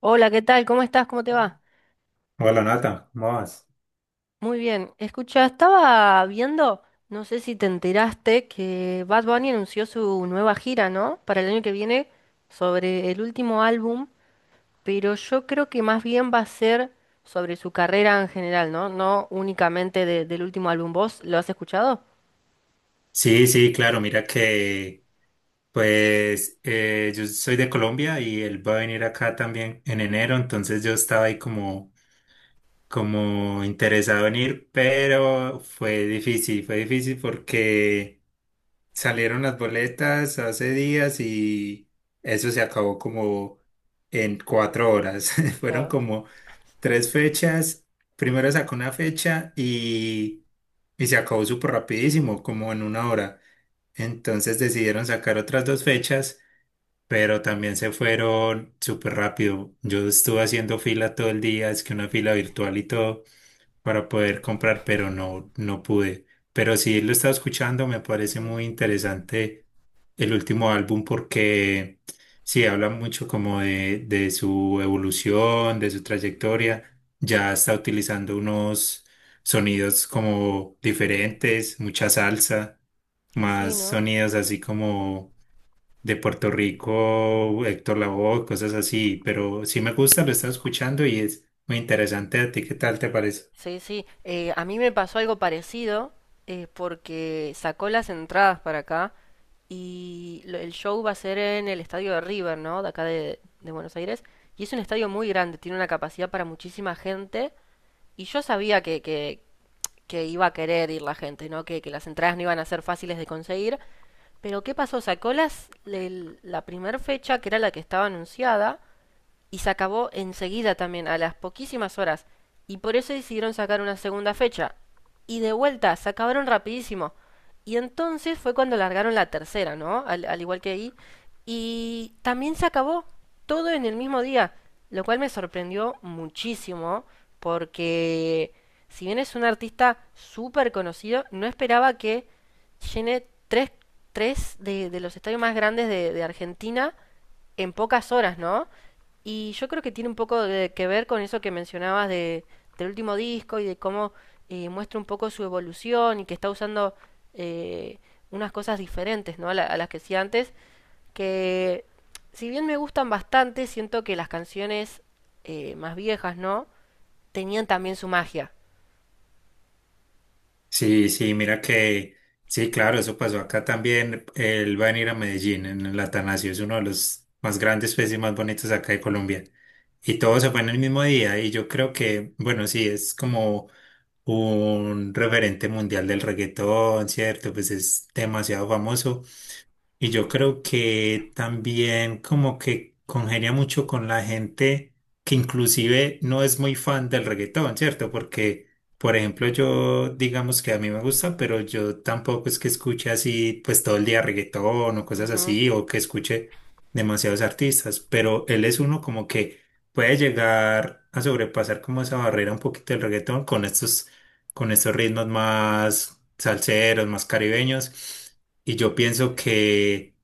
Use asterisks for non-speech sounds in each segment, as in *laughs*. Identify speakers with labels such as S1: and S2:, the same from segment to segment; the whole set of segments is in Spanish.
S1: Hola, ¿qué tal? ¿Cómo estás? ¿Cómo te va?
S2: Hola Nata, ¿cómo vas?
S1: Muy bien. Escucha, estaba viendo, no sé si te enteraste, que Bad Bunny anunció su nueva gira, ¿no? Para el año que viene, sobre el último álbum, pero yo creo que más bien va a ser sobre su carrera en general, ¿no? No únicamente del último álbum. ¿Vos lo has escuchado?
S2: Sí, sí, claro, mira que pues yo soy de Colombia y él va a venir acá también en enero, entonces yo estaba ahí como interesado en ir, pero fue difícil porque salieron las boletas hace días y eso se acabó como en cuatro horas, *laughs* fueron
S1: Yo-
S2: como tres fechas, primero sacó una fecha y se acabó súper rapidísimo, como en una hora. Entonces decidieron sacar otras dos fechas, pero también se fueron súper rápido. Yo estuve haciendo fila todo el día, es que una fila virtual y todo para poder comprar, pero no, no pude. Pero sí lo estaba escuchando, me parece
S1: mm.
S2: muy interesante el último álbum porque sí habla mucho como de su evolución, de su trayectoria. Ya está utilizando unos sonidos como diferentes, mucha salsa,
S1: Sí,
S2: más
S1: ¿no?
S2: sonidos así como de Puerto Rico, Héctor Lavoe, cosas así, pero sí me gusta, lo estaba escuchando y es muy interesante. ¿A ti qué tal te parece?
S1: Sí, sí. A mí me pasó algo parecido, porque sacó las entradas para acá y el show va a ser en el estadio de River, ¿no? De acá de Buenos Aires. Y es un estadio muy grande, tiene una capacidad para muchísima gente. Y yo sabía que iba a querer ir la gente, ¿no? Que las entradas no iban a ser fáciles de conseguir. Pero ¿qué pasó? Sacó la primera fecha, que era la que estaba anunciada, y se acabó enseguida también, a las poquísimas horas. Y por eso decidieron sacar una segunda fecha. Y de vuelta, se acabaron rapidísimo. Y entonces fue cuando largaron la tercera, ¿no? Al igual que ahí. Y también se acabó todo en el mismo día, lo cual me sorprendió muchísimo porque, si bien es un artista súper conocido, no esperaba que llene tres de los estadios más grandes de Argentina en pocas horas, ¿no? Y yo creo que tiene un poco de, que ver con eso que mencionabas de, del último disco y de cómo, muestra un poco su evolución y que está usando, eh, unas cosas diferentes, ¿no? A, a las que hacía antes, que, si bien me gustan bastante, siento que las canciones, más viejas, ¿no? Tenían también su magia.
S2: Sí, sí, mira que, sí, claro, eso pasó acá también. Él va a venir a Medellín en el Atanasio, es uno de los más grandes pues, y más bonitos acá de Colombia. Y todo se fue en el mismo día y yo creo que, bueno, sí, es como un referente mundial del reggaetón, ¿cierto? Pues es demasiado famoso. Y yo creo que también como que congenia mucho con la gente que inclusive no es muy fan del reggaetón, ¿cierto? Porque, por ejemplo,
S1: Sí.
S2: yo digamos que a mí me gusta, pero yo tampoco es que escuche así pues todo el día reggaetón o cosas
S1: Ujú.
S2: así, o que escuche demasiados artistas, pero él es uno como que puede llegar a sobrepasar como esa barrera un poquito del reggaetón con estos, ritmos más salseros, más caribeños. Y yo pienso
S1: Sí,
S2: que,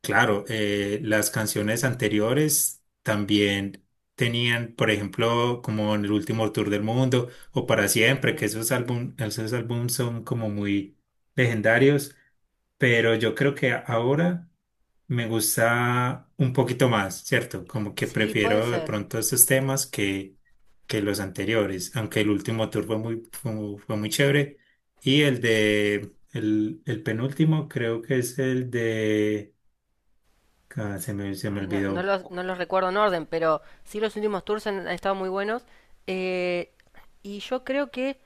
S2: claro, las canciones anteriores también tenían, por ejemplo, como en el último tour del mundo o para siempre, que
S1: sí.
S2: esos álbumes son como muy legendarios, pero yo creo que ahora me gusta un poquito más, ¿cierto? Como que
S1: Sí, puede
S2: prefiero de
S1: ser.
S2: pronto estos temas que los anteriores, aunque el último tour fue muy chévere. Y el penúltimo creo que es el de, ah, se me
S1: Ay, no,
S2: olvidó.
S1: no los recuerdo en orden, pero sí los últimos tours han estado muy buenos. Eh, y yo creo que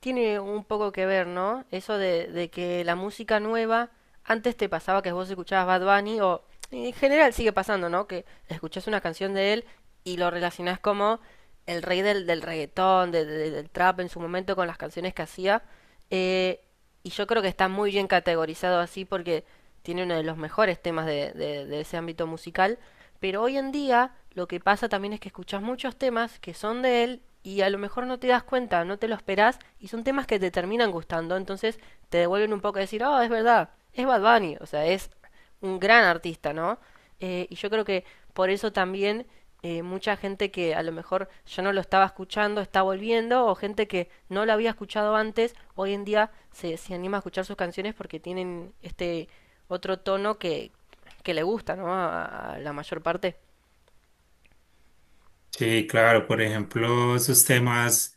S1: tiene un poco que ver, ¿no? Eso de que la música nueva, antes te pasaba que vos escuchabas Bad Bunny o en general sigue pasando, ¿no? Que escuchás una canción de él y lo relacionás como el rey del reggaetón, del trap en su momento con las canciones que hacía. Eh, y yo creo que está muy bien categorizado así porque tiene uno de los mejores temas de, de ese ámbito musical. Pero hoy en día lo que pasa también es que escuchas muchos temas que son de él y a lo mejor no te das cuenta, no te lo esperás y son temas que te terminan gustando. Entonces te devuelven un poco a decir, oh, es verdad, es Bad Bunny. O sea, es un gran artista, ¿no? Y yo creo que por eso también, mucha gente que a lo mejor yo no lo estaba escuchando está volviendo, o gente que no lo había escuchado antes hoy en día se anima a escuchar sus canciones porque tienen este otro tono que le gusta, ¿no? A la mayor parte.
S2: Sí, claro, por ejemplo, esos temas,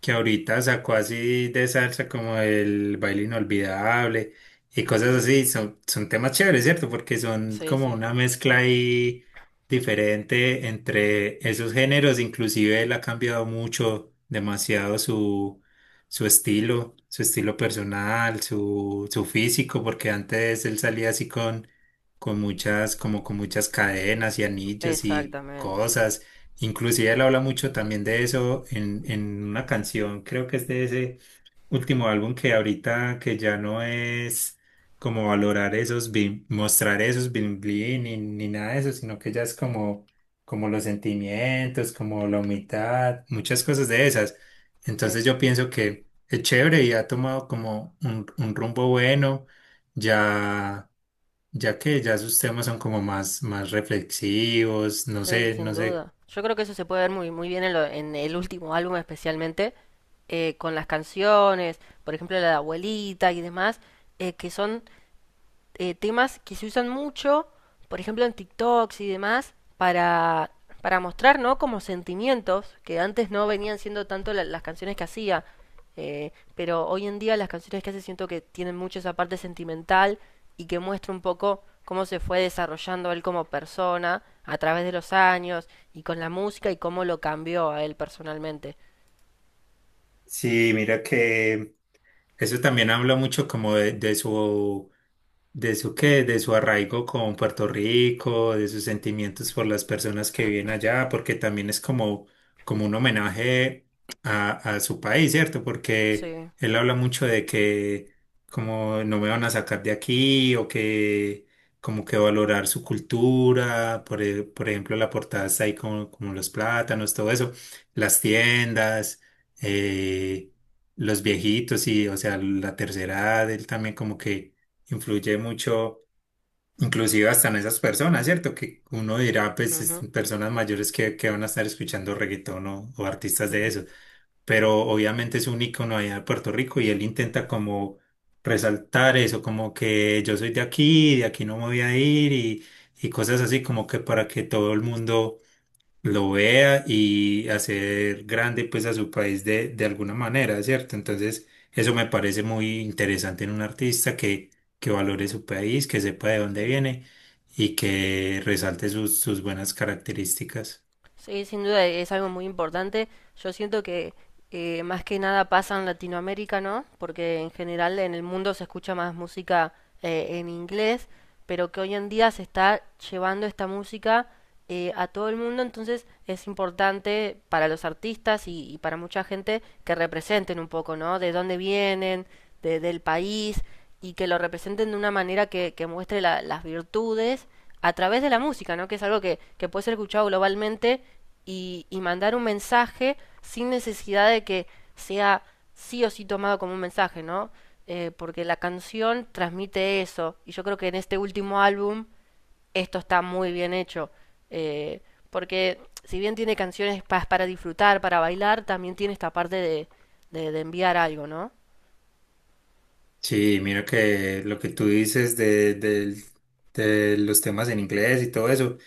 S2: que ahorita sacó así de salsa como el baile inolvidable y cosas así, son temas chéveres, ¿cierto? Porque son
S1: Sí,
S2: como
S1: sí.
S2: una mezcla ahí diferente entre esos géneros, inclusive él ha cambiado mucho, demasiado su estilo, su estilo personal, su físico, porque antes él salía así como con muchas cadenas y anillos y
S1: Exactamente, sí.
S2: cosas. Inclusive él habla mucho también de eso en, una canción, creo que es de ese último álbum que ahorita que ya no es como valorar mostrar esos bling bling ni nada de eso, sino que ya es como los sentimientos, como la humildad, muchas cosas de esas.
S1: Sí,
S2: Entonces yo pienso que es chévere y ha tomado como un rumbo bueno, ya, ya que ya sus temas son como más reflexivos, no
S1: sí,
S2: sé,
S1: sin
S2: no sé.
S1: duda. Yo creo que eso se puede ver muy, muy bien en, en el último álbum especialmente, con las canciones, por ejemplo, la de abuelita y demás, que son, temas que se usan mucho, por ejemplo en TikToks y demás, para mostrar, ¿no? Como sentimientos que antes no venían siendo tanto las canciones que hacía. Pero hoy en día las canciones que hace siento que tienen mucho esa parte sentimental y que muestra un poco cómo se fue desarrollando él como persona a través de los años y con la música y cómo lo cambió a él personalmente.
S2: Sí, mira que eso también habla mucho como de su arraigo con Puerto Rico, de sus sentimientos por las personas que viven allá, porque también es como un homenaje a, a su país, ¿cierto? Porque
S1: Sí.
S2: él habla mucho de que como no me van a sacar de aquí o que como que valorar su cultura, por ejemplo, la portada está ahí como los plátanos, todo eso, las tiendas. eh, los viejitos y, o sea, la tercera edad, él también como que influye mucho, inclusive hasta en esas personas, ¿cierto? Que uno dirá, pues,
S1: Ujú.
S2: personas mayores que van a estar escuchando reggaetón o artistas de eso,
S1: *laughs*
S2: pero obviamente es un ícono allá de Puerto Rico y él intenta como resaltar eso, como que yo soy de aquí no me voy a ir y cosas así, como que para que todo el mundo lo vea y hacer grande pues a su país de alguna manera, ¿cierto? Entonces, eso me parece muy interesante en un artista que valore su país, que sepa de dónde
S1: Sí.
S2: viene y que resalte sus buenas características.
S1: Sí, sin duda es algo muy importante. Yo siento que, más que nada pasa en Latinoamérica, ¿no? Porque en general en el mundo se escucha más música, en inglés, pero que hoy en día se está llevando esta música, a todo el mundo, entonces es importante para los artistas y para mucha gente que representen un poco, ¿no? De dónde vienen, del país, y que lo representen de una manera que muestre las virtudes a través de la música, ¿no? Que es algo que puede ser escuchado globalmente y mandar un mensaje sin necesidad de que sea sí o sí tomado como un mensaje, ¿no? Porque la canción transmite eso. Y yo creo que en este último álbum esto está muy bien hecho. Eh, Porque si bien tiene canciones para disfrutar, para bailar, también tiene esta parte de enviar algo, ¿no?
S2: Sí, mira que lo que tú dices de los temas en inglés y todo eso,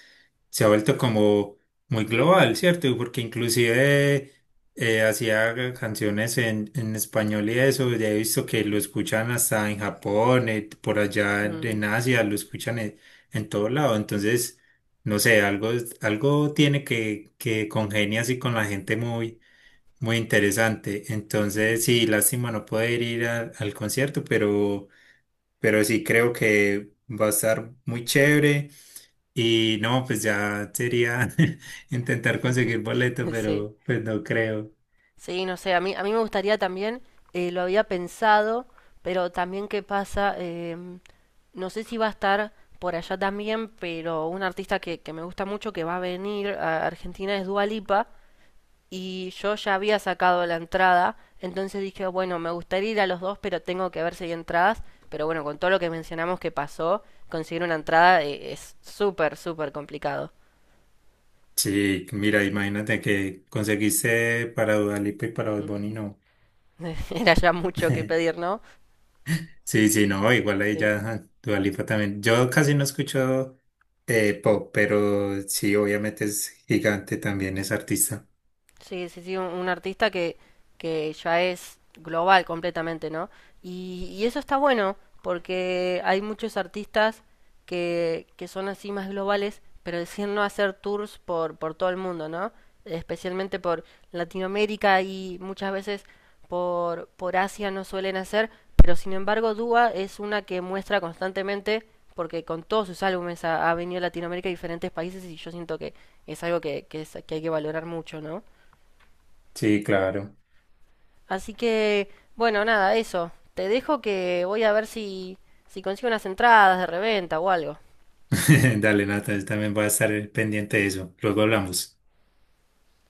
S2: se ha vuelto como muy global, ¿cierto? Porque inclusive hacía canciones en, español y eso, ya he visto que lo escuchan hasta en Japón, por allá
S1: Mm,
S2: en Asia, lo escuchan en todo lado, entonces, no sé, algo, tiene que congenia así con la gente muy, muy interesante, entonces sí, lástima no poder ir al concierto, pero sí creo que va a estar muy chévere. Y no, pues ya sería *laughs* intentar conseguir boleto,
S1: *laughs* sí.
S2: pero pues no creo.
S1: Sí, no sé, a mí me gustaría también, lo había pensado, pero también qué pasa, no sé si va a estar por allá también, pero un artista que me gusta mucho que va a venir a Argentina es Dua Lipa, y yo ya había sacado la entrada, entonces dije, bueno, me gustaría ir a los dos, pero tengo que ver si hay entradas, pero bueno, con todo lo que mencionamos que pasó, conseguir una entrada, es súper, súper complicado.
S2: Sí, mira, imagínate que conseguiste para Dua Lipa y para Bad
S1: ¿Mm?
S2: Bunny, no.
S1: *laughs* Era ya mucho que pedir, ¿no?
S2: Sí, sí, no, igual ahí ya
S1: Sí.
S2: ajá, Dua Lipa también. Yo casi no escucho pop, pero sí, obviamente es gigante también, es artista.
S1: Sí, sí, sí, un artista que ya es global completamente, ¿no? Y eso está bueno, porque hay muchos artistas que son así más globales, pero deciden no hacer tours por todo el mundo, ¿no? Especialmente por Latinoamérica y muchas veces por Asia no suelen hacer, pero sin embargo Dua es una que muestra constantemente, porque con todos sus álbumes ha, ha venido a Latinoamérica y diferentes países y yo siento que es algo que, que hay que valorar mucho, ¿no?
S2: Sí, claro.
S1: Así que, bueno, nada, eso. Te dejo que voy a ver si, si consigo unas entradas de reventa o algo.
S2: *laughs* Dale, Nata, yo también voy a estar pendiente de eso. Luego hablamos.